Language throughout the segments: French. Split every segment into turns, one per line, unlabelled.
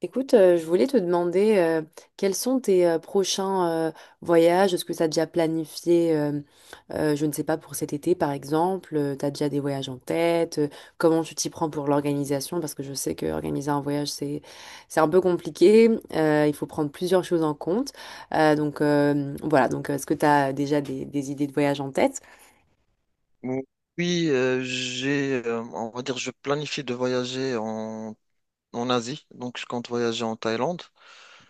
Écoute, je voulais te demander quels sont tes prochains voyages. Est-ce que tu as déjà planifié, je ne sais pas, pour cet été par exemple, tu as déjà des voyages en tête? Comment tu t'y prends pour l'organisation? Parce que je sais que organiser un voyage, c'est un peu compliqué. Il faut prendre plusieurs choses en compte. Voilà, donc est-ce que tu as déjà des idées de voyage en tête?
Ou- Oui, j'ai, on va dire, je planifie de voyager en Asie, donc je compte voyager en Thaïlande.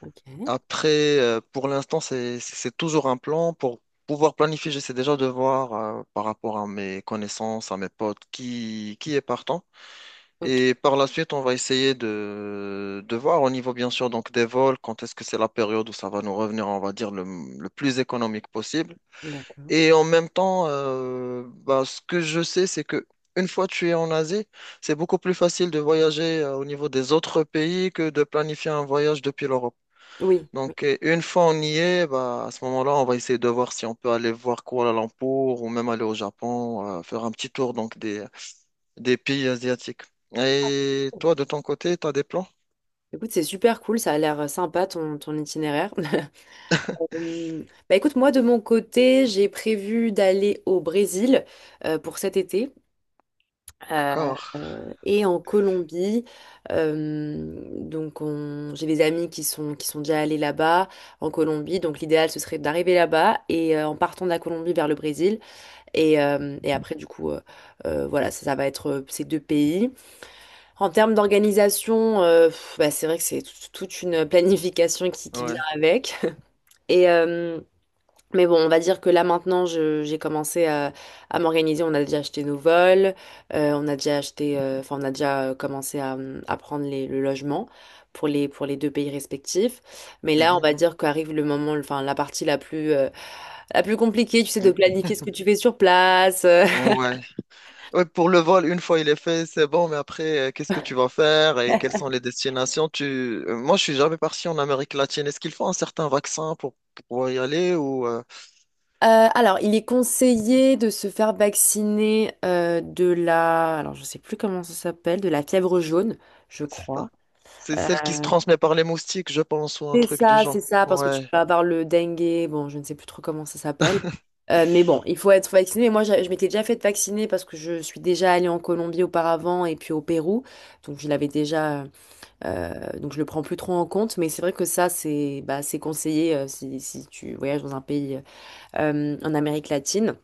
Ok,
Après, pour l'instant, c'est toujours un plan. Pour pouvoir planifier, j'essaie déjà de voir par rapport à mes connaissances, à mes potes, qui est partant.
ok,
Et par la suite, on va essayer de voir au niveau, bien sûr, donc des vols, quand est-ce que c'est la période où ça va nous revenir, on va dire, le plus économique possible.
d'accord.
Et en même temps, ce que je sais, c'est que une fois tu es en Asie, c'est beaucoup plus facile de voyager au niveau des autres pays que de planifier un voyage depuis l'Europe.
Oui, oui.
Donc, une fois on y est, bah, à ce moment-là, on va essayer de voir si on peut aller voir Kuala Lumpur ou même aller au Japon, faire un petit tour donc des pays asiatiques. Et toi, de ton côté, tu as des plans?
Écoute, c'est super cool, ça a l'air sympa ton itinéraire. Bah écoute, moi de mon côté, j'ai prévu d'aller au Brésil pour cet été euh,
D'accord.
et en Colombie. J'ai des amis qui sont déjà allés là-bas en Colombie. Donc l'idéal, ce serait d'arriver là-bas et en partant de la Colombie vers le Brésil. Et après, du coup, voilà, ça va être ces deux pays. En termes d'organisation, pff, bah, c'est vrai que c'est toute une planification qui vient
Ouais.
avec. Et, euh, mais bon, on va dire que là maintenant, j'ai commencé à m'organiser. On a déjà acheté nos vols, on a déjà acheté, enfin, on a déjà commencé à prendre le logement pour pour les deux pays respectifs. Mais là, on
Mhm.
va dire qu'arrive le moment, enfin, la partie la plus compliquée, tu sais, de planifier ce que tu fais sur place. Euh,
Mm. Ouais. Ouais, pour le vol, une fois il est fait, c'est bon, mais après, qu'est-ce que tu vas faire et quelles sont les destinations? Moi, je suis jamais parti en Amérique latine. Est-ce qu'il faut un certain vaccin pour pouvoir y aller ou
Euh, alors, il est conseillé de se faire vacciner alors je sais plus comment ça s'appelle, de la fièvre jaune, je
c'est
crois.
ça? C'est celle qui se
Euh,
transmet par les moustiques, je pense, ou un
C'est
truc du
ça, c'est
genre.
ça, parce que tu
Ouais.
peux avoir le dengue, bon, je ne sais plus trop comment ça s'appelle. Mais bon, il faut être vacciné. Et moi, je m'étais déjà fait vacciner parce que je suis déjà allée en Colombie auparavant et puis au Pérou. Donc, je l'avais déjà. Donc, je le prends plus trop en compte. Mais c'est vrai que ça, c'est bah, c'est conseillé si tu voyages dans un pays en Amérique latine.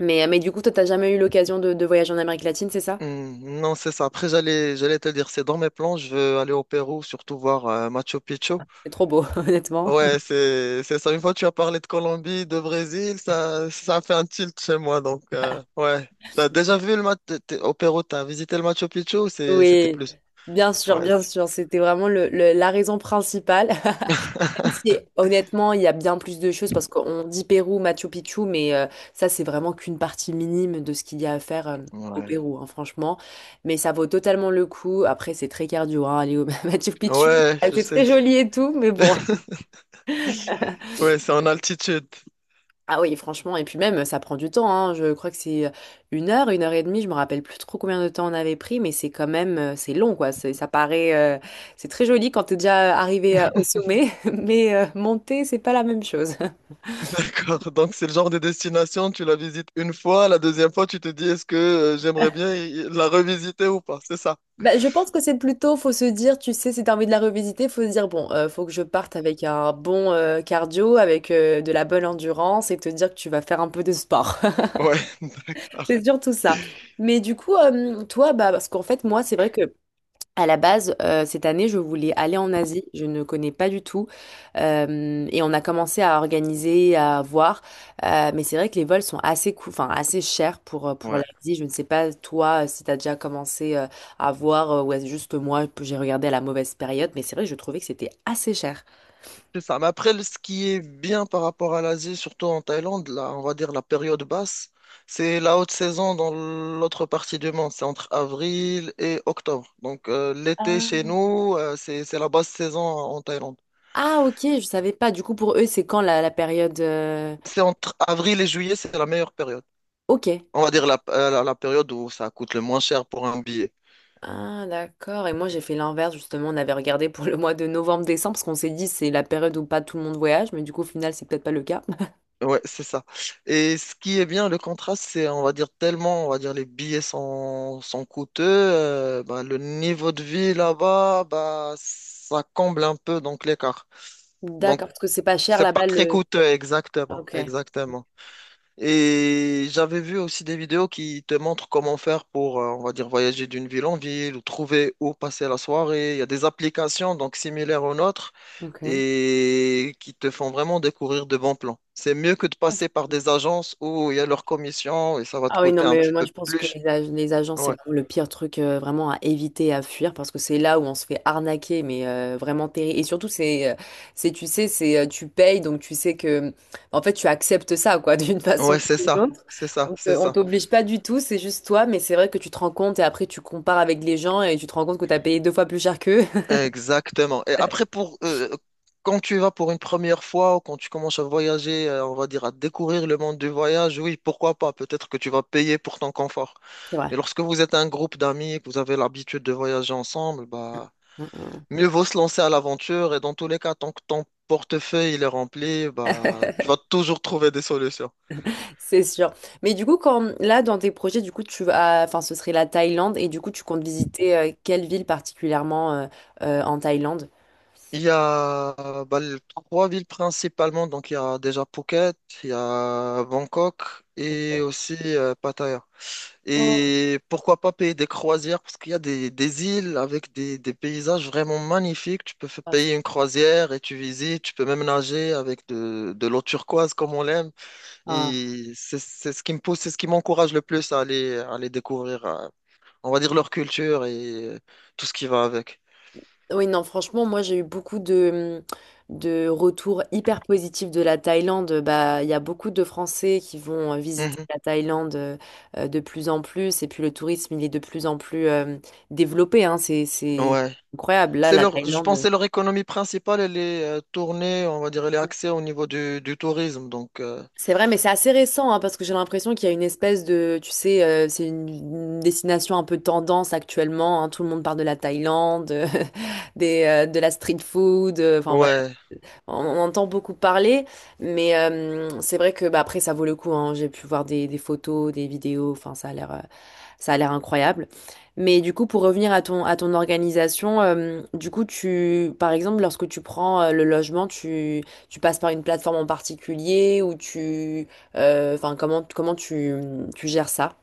Mais du coup, toi, t'as jamais eu l'occasion de voyager en Amérique latine, c'est ça?
Non, c'est ça. Après, j'allais te dire, c'est dans mes plans, je veux aller au Pérou, surtout voir Machu Picchu.
C'est trop beau, honnêtement.
Ouais, c'est ça. Une fois tu as parlé de Colombie, de Brésil, ça a fait un tilt chez moi. Donc ouais, t'as déjà vu le match t'es au Pérou, t'as visité le Machu Picchu ou c'était
Oui,
plus?
bien sûr,
Ouais,
bien
c'est-
sûr. C'était vraiment la raison principale. C'est- Honnêtement, il y a bien plus de choses parce qu'on dit Pérou, Machu Picchu, mais ça, c'est vraiment qu'une partie minime de ce qu'il y a à faire au
ouais,
Pérou, hein, franchement. Mais ça vaut totalement le coup. Après, c'est très cardio, hein, aller au Machu Picchu.
ouais,
Ah,
je
c'est
sais.
très joli et tout, mais bon.
Ouais, c'est en altitude.
Ah oui, franchement, et puis même, ça prend du temps, hein. Je crois que c'est une heure et demie, je me rappelle plus trop combien de temps on avait pris, mais c'est quand même, c'est long, quoi. C'est- Ça paraît, c'est très joli quand t'es déjà arrivé au sommet, mais monter, c'est pas la même chose.
D'accord. Donc c'est le genre de destination, tu la visites une fois, la deuxième fois, tu te dis est-ce que j'aimerais bien la revisiter ou pas? C'est ça.
Bah, je pense que c'est plutôt, faut se dire, tu sais, si t'as envie de la revisiter, faut se dire, bon, faut que je parte avec un bon cardio, avec de la bonne endurance et te dire que tu vas faire un peu de sport.
Ouais, d'accord.
C'est surtout ça. Mais du coup, toi, bah, parce qu'en fait, moi, c'est vrai que à la base, cette année, je voulais aller en Asie. Je ne connais pas du tout. Et on a commencé à organiser, à voir. Mais c'est vrai que les vols sont assez coûts, enfin, assez chers pour
Ouais.
l'Asie. Je ne sais pas, toi, si tu as déjà commencé à voir, ou est-ce juste que moi, que j'ai regardé à la mauvaise période. Mais c'est vrai que je trouvais que c'était assez cher.
C'est ça. Mais après, ce qui est bien par rapport à l'Asie, surtout en Thaïlande, là, on va dire la période basse, c'est la haute saison dans l'autre partie du monde. C'est entre avril et octobre. Donc, l'été chez
Ah.
nous, c'est la basse saison en Thaïlande.
Ah, ok, je savais pas. Du coup, pour eux, c'est quand la période...
C'est entre avril et juillet, c'est la meilleure période.
Ok.
On va dire la, la période où ça coûte le moins cher pour un billet.
Ah, d'accord. Et moi, j'ai fait l'inverse, justement. On avait regardé pour le mois de novembre-décembre, parce qu'on s'est dit c'est la période où pas tout le monde voyage, mais du coup, au final, c'est peut-être pas le cas.
Ouais, c'est ça. Et ce qui est bien, le contraste, c'est, on va dire, tellement, on va dire, les billets sont coûteux, le niveau de vie là-bas, bah, ça comble un peu donc l'écart. Donc,
D'accord, parce que c'est pas cher
c'est pas
là-bas
très
le.
coûteux, exactement,
Ok,
exactement. Et j'avais vu aussi des vidéos qui te montrent comment faire pour, on va dire, voyager d'une ville en ville ou trouver où passer la soirée. Il y a des applications donc similaires aux nôtres
ok.
et qui te font vraiment découvrir de bons plans. C'est mieux que de passer par des agences où il y a leur commission et ça va te
Ah oui, non,
coûter un
mais
petit
moi
peu
je pense que
plus.
les agents, c'est
Ouais,
vraiment le pire truc vraiment à éviter, à fuir, parce que c'est là où on se fait arnaquer, mais vraiment terrible. Et surtout, tu sais, tu payes, donc tu sais que, en fait, tu acceptes ça, quoi, d'une façon
ouais, c'est
ou d'une
ça,
autre.
c'est ça, c'est
On
ça.
t'oblige pas du tout, c'est juste toi, mais c'est vrai que tu te rends compte et après tu compares avec les gens et tu te rends compte que tu as payé deux fois plus cher qu'eux.
Exactement. Et après, pour quand tu vas pour une première fois ou quand tu commences à voyager, on va dire à découvrir le monde du voyage, oui, pourquoi pas? Peut-être que tu vas payer pour ton confort.
C'est vrai.
Mais lorsque vous êtes un groupe d'amis et que vous avez l'habitude de voyager ensemble, bah
Mm, mm, mm.
mieux vaut se lancer à l'aventure. Et dans tous les cas, tant que ton portefeuille il est rempli, bah tu vas toujours trouver des solutions.
C'est sûr. Mais du coup, quand là, dans tes projets, du coup, tu vas, enfin, ce serait la Thaïlande et du coup, tu comptes visiter quelle ville particulièrement en Thaïlande?
Il y a trois villes principalement, donc il y a déjà Phuket, il y a Bangkok et aussi Pattaya.
Oh.
Et pourquoi pas payer des croisières? Parce qu'il y a des îles avec des paysages vraiment magnifiques. Tu peux
Ah, c'est-
payer une croisière et tu visites. Tu peux même nager avec de l'eau turquoise comme on l'aime.
Ah.
Et c'est ce qui me pousse, c'est ce qui m'encourage le plus à à aller découvrir, on va dire, leur culture et tout ce qui va avec.
Oui, non, franchement, moi, j'ai eu beaucoup de retours hyper positifs de la Thaïlande. Bah, il y a beaucoup de Français qui vont visiter
Mhm.
la Thaïlande de plus en plus et puis le tourisme, il est de plus en plus développé, hein. C'est
Ouais.
incroyable. Là,
C'est
la
leur, je pense que
Thaïlande.
c'est leur économie principale. Elle est tournée, on va dire, elle est axée au niveau du tourisme. Donc,
C'est vrai, mais c'est assez récent, hein, parce que j'ai l'impression qu'il y a une espèce de, tu sais, c'est une destination un peu tendance actuellement, hein. Tout le monde parle de la Thaïlande, de la street food. Enfin voilà.
ouais.
On entend beaucoup parler, mais c'est vrai que bah, après ça vaut le coup, hein. J'ai pu voir des photos, des vidéos. Enfin, ça a l'air incroyable. Mais du coup, pour revenir à ton organisation, du coup, tu, par exemple, lorsque tu prends le logement, tu passes par une plateforme en particulier ou tu, enfin comment tu gères ça?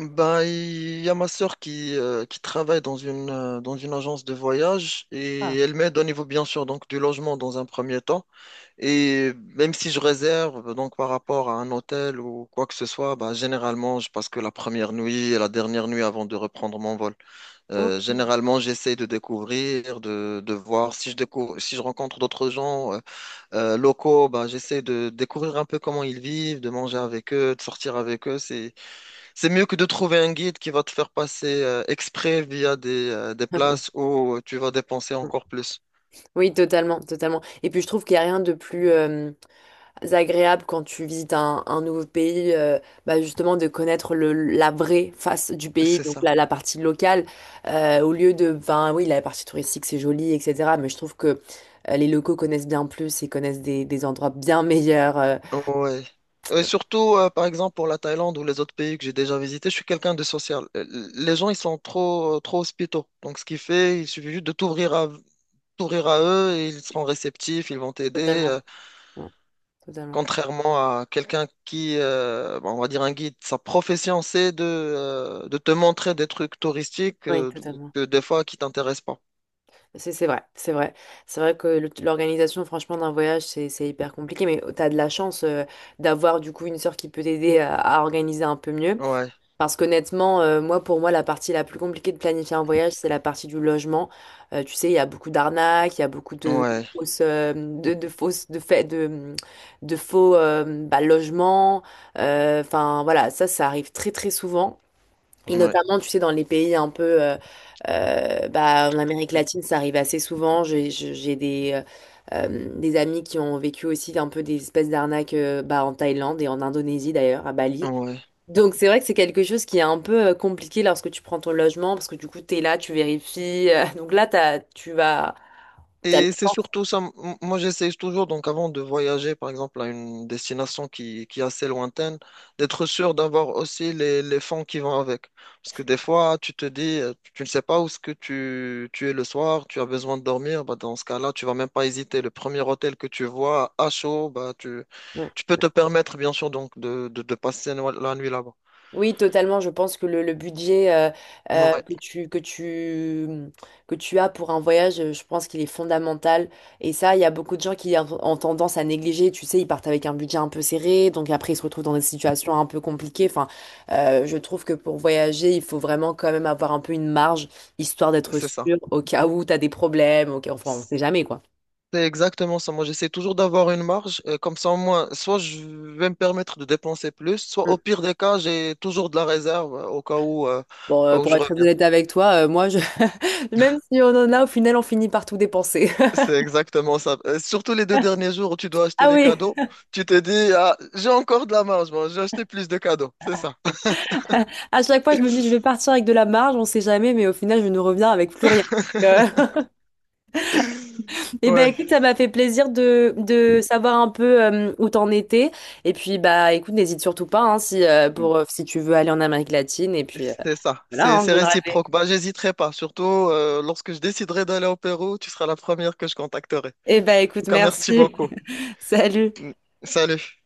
Ben, il y a ma sœur qui travaille dans dans une agence de voyage et
Ah,
elle m'aide au niveau, bien sûr, donc du logement dans un premier temps. Et même si je réserve, donc par rapport à un hôtel ou quoi que ce soit, ben, généralement, je passe que la première nuit et la dernière nuit avant de reprendre mon vol.
ok.
Généralement, j'essaie de découvrir, de voir si je découvre, si je rencontre d'autres gens locaux, ben, j'essaie de découvrir un peu comment ils vivent, de manger avec eux, de sortir avec eux. C'est mieux que de trouver un guide qui va te faire passer exprès via des places où tu vas dépenser encore plus.
Oui, totalement, totalement. Et puis je trouve qu'il n'y a rien de plus, agréable quand tu visites un nouveau pays, bah, justement de connaître la vraie face du pays,
C'est
donc
ça.
la partie locale, au lieu de, ben oui, la partie touristique c'est joli, etc. Mais je trouve que les locaux connaissent bien plus et connaissent des endroits bien meilleurs.
Ouais. Et surtout, par exemple, pour la Thaïlande ou les autres pays que j'ai déjà visités, je suis quelqu'un de social. Les gens, ils sont trop, trop hospitaux. Donc, ce qui fait, il suffit juste de t'ouvrir à, t'ouvrir à eux et ils seront réceptifs, ils vont t'aider.
Totalement. Ouais, totalement.
Contrairement à quelqu'un qui, bon, on va dire un guide, sa profession, c'est de te montrer des trucs touristiques
Oui, totalement.
que des fois qui t'intéressent pas.
C'est vrai, c'est vrai. C'est vrai que l'organisation, franchement, d'un voyage, c'est hyper compliqué, mais tu as de la chance d'avoir du coup une sœur qui peut t'aider à organiser un peu mieux.
Ouais,
Parce qu'honnêtement, moi, pour moi, la partie la plus compliquée de planifier un voyage, c'est la partie du logement. Tu sais, il y a beaucoup d'arnaques, il y a beaucoup de,
ouais,
de fausses, de faux bah, logements. Enfin, voilà, ça arrive très, très souvent. Et
ouais,
notamment, tu sais, dans les pays un peu, bah, en Amérique
le-
latine, ça arrive assez souvent. J'ai des amis qui ont vécu aussi un peu des espèces d'arnaques, bah, en Thaïlande et en Indonésie d'ailleurs, à Bali.
ouais.
Donc c'est vrai que c'est quelque chose qui est un peu compliqué lorsque tu prends ton logement parce que du coup t'es là, tu vérifies. Donc là t'as, tu vas, t'as le
Et c'est
temps.
surtout ça, moi j'essaie toujours, donc avant de voyager par exemple à une destination qui est assez lointaine, d'être sûr d'avoir aussi les fonds qui vont avec. Parce que des fois, tu te dis, tu ne sais pas où ce que tu es le soir, tu as besoin de dormir, bah, dans ce cas-là, tu vas même pas hésiter. Le premier hôtel que tu vois à chaud, tu peux te permettre bien sûr donc de passer la nuit là-bas.
Oui, totalement. Je pense que le budget
Ouais,
que tu, mmh, que tu as pour un voyage, je pense qu'il est fondamental. Et ça, il y a beaucoup de gens qui ont tendance à négliger. Tu sais, ils partent avec un budget un peu serré, donc après, ils se retrouvent dans des situations un peu compliquées. Enfin, je trouve que pour voyager, il faut vraiment quand même avoir un peu une marge, histoire d'être
c'est ça.
sûr au cas où tu as des problèmes. Enfin, on sait jamais, quoi.
C'est exactement ça. Moi, j'essaie toujours d'avoir une marge. Euh, comme ça, au moins, soit je vais me permettre de dépenser plus, soit
Mm.
au pire des cas, j'ai toujours de la réserve
Bon,
au cas où
pour
je
être très
reviens.
honnête avec toi, moi, je... même si on en a, au final, on finit par tout dépenser.
C'est exactement ça. Surtout les deux derniers jours où tu dois acheter
Ah
les
oui!
cadeaux, tu te dis, ah, j'ai encore de la marge, moi, j'ai acheté plus de cadeaux. C'est ça.
À chaque fois, je me dis, je vais partir avec de la marge, on sait jamais, mais au final, je ne reviens avec plus rien. Euh, eh ben
Ouais.
écoute, ça m'a fait plaisir de savoir un peu où t'en étais. Et puis bah écoute, n'hésite surtout pas hein, si pour si tu veux aller en Amérique latine. Et puis
C'est ça,
voilà,
c'est
hein, je
c'est
donnerai.
réciproque. Bah, j'hésiterai pas, surtout lorsque je déciderai d'aller au Pérou, tu seras la première que je contacterai. En
Eh ben
tout
écoute,
cas, merci
merci.
beaucoup.
Salut.
Salut.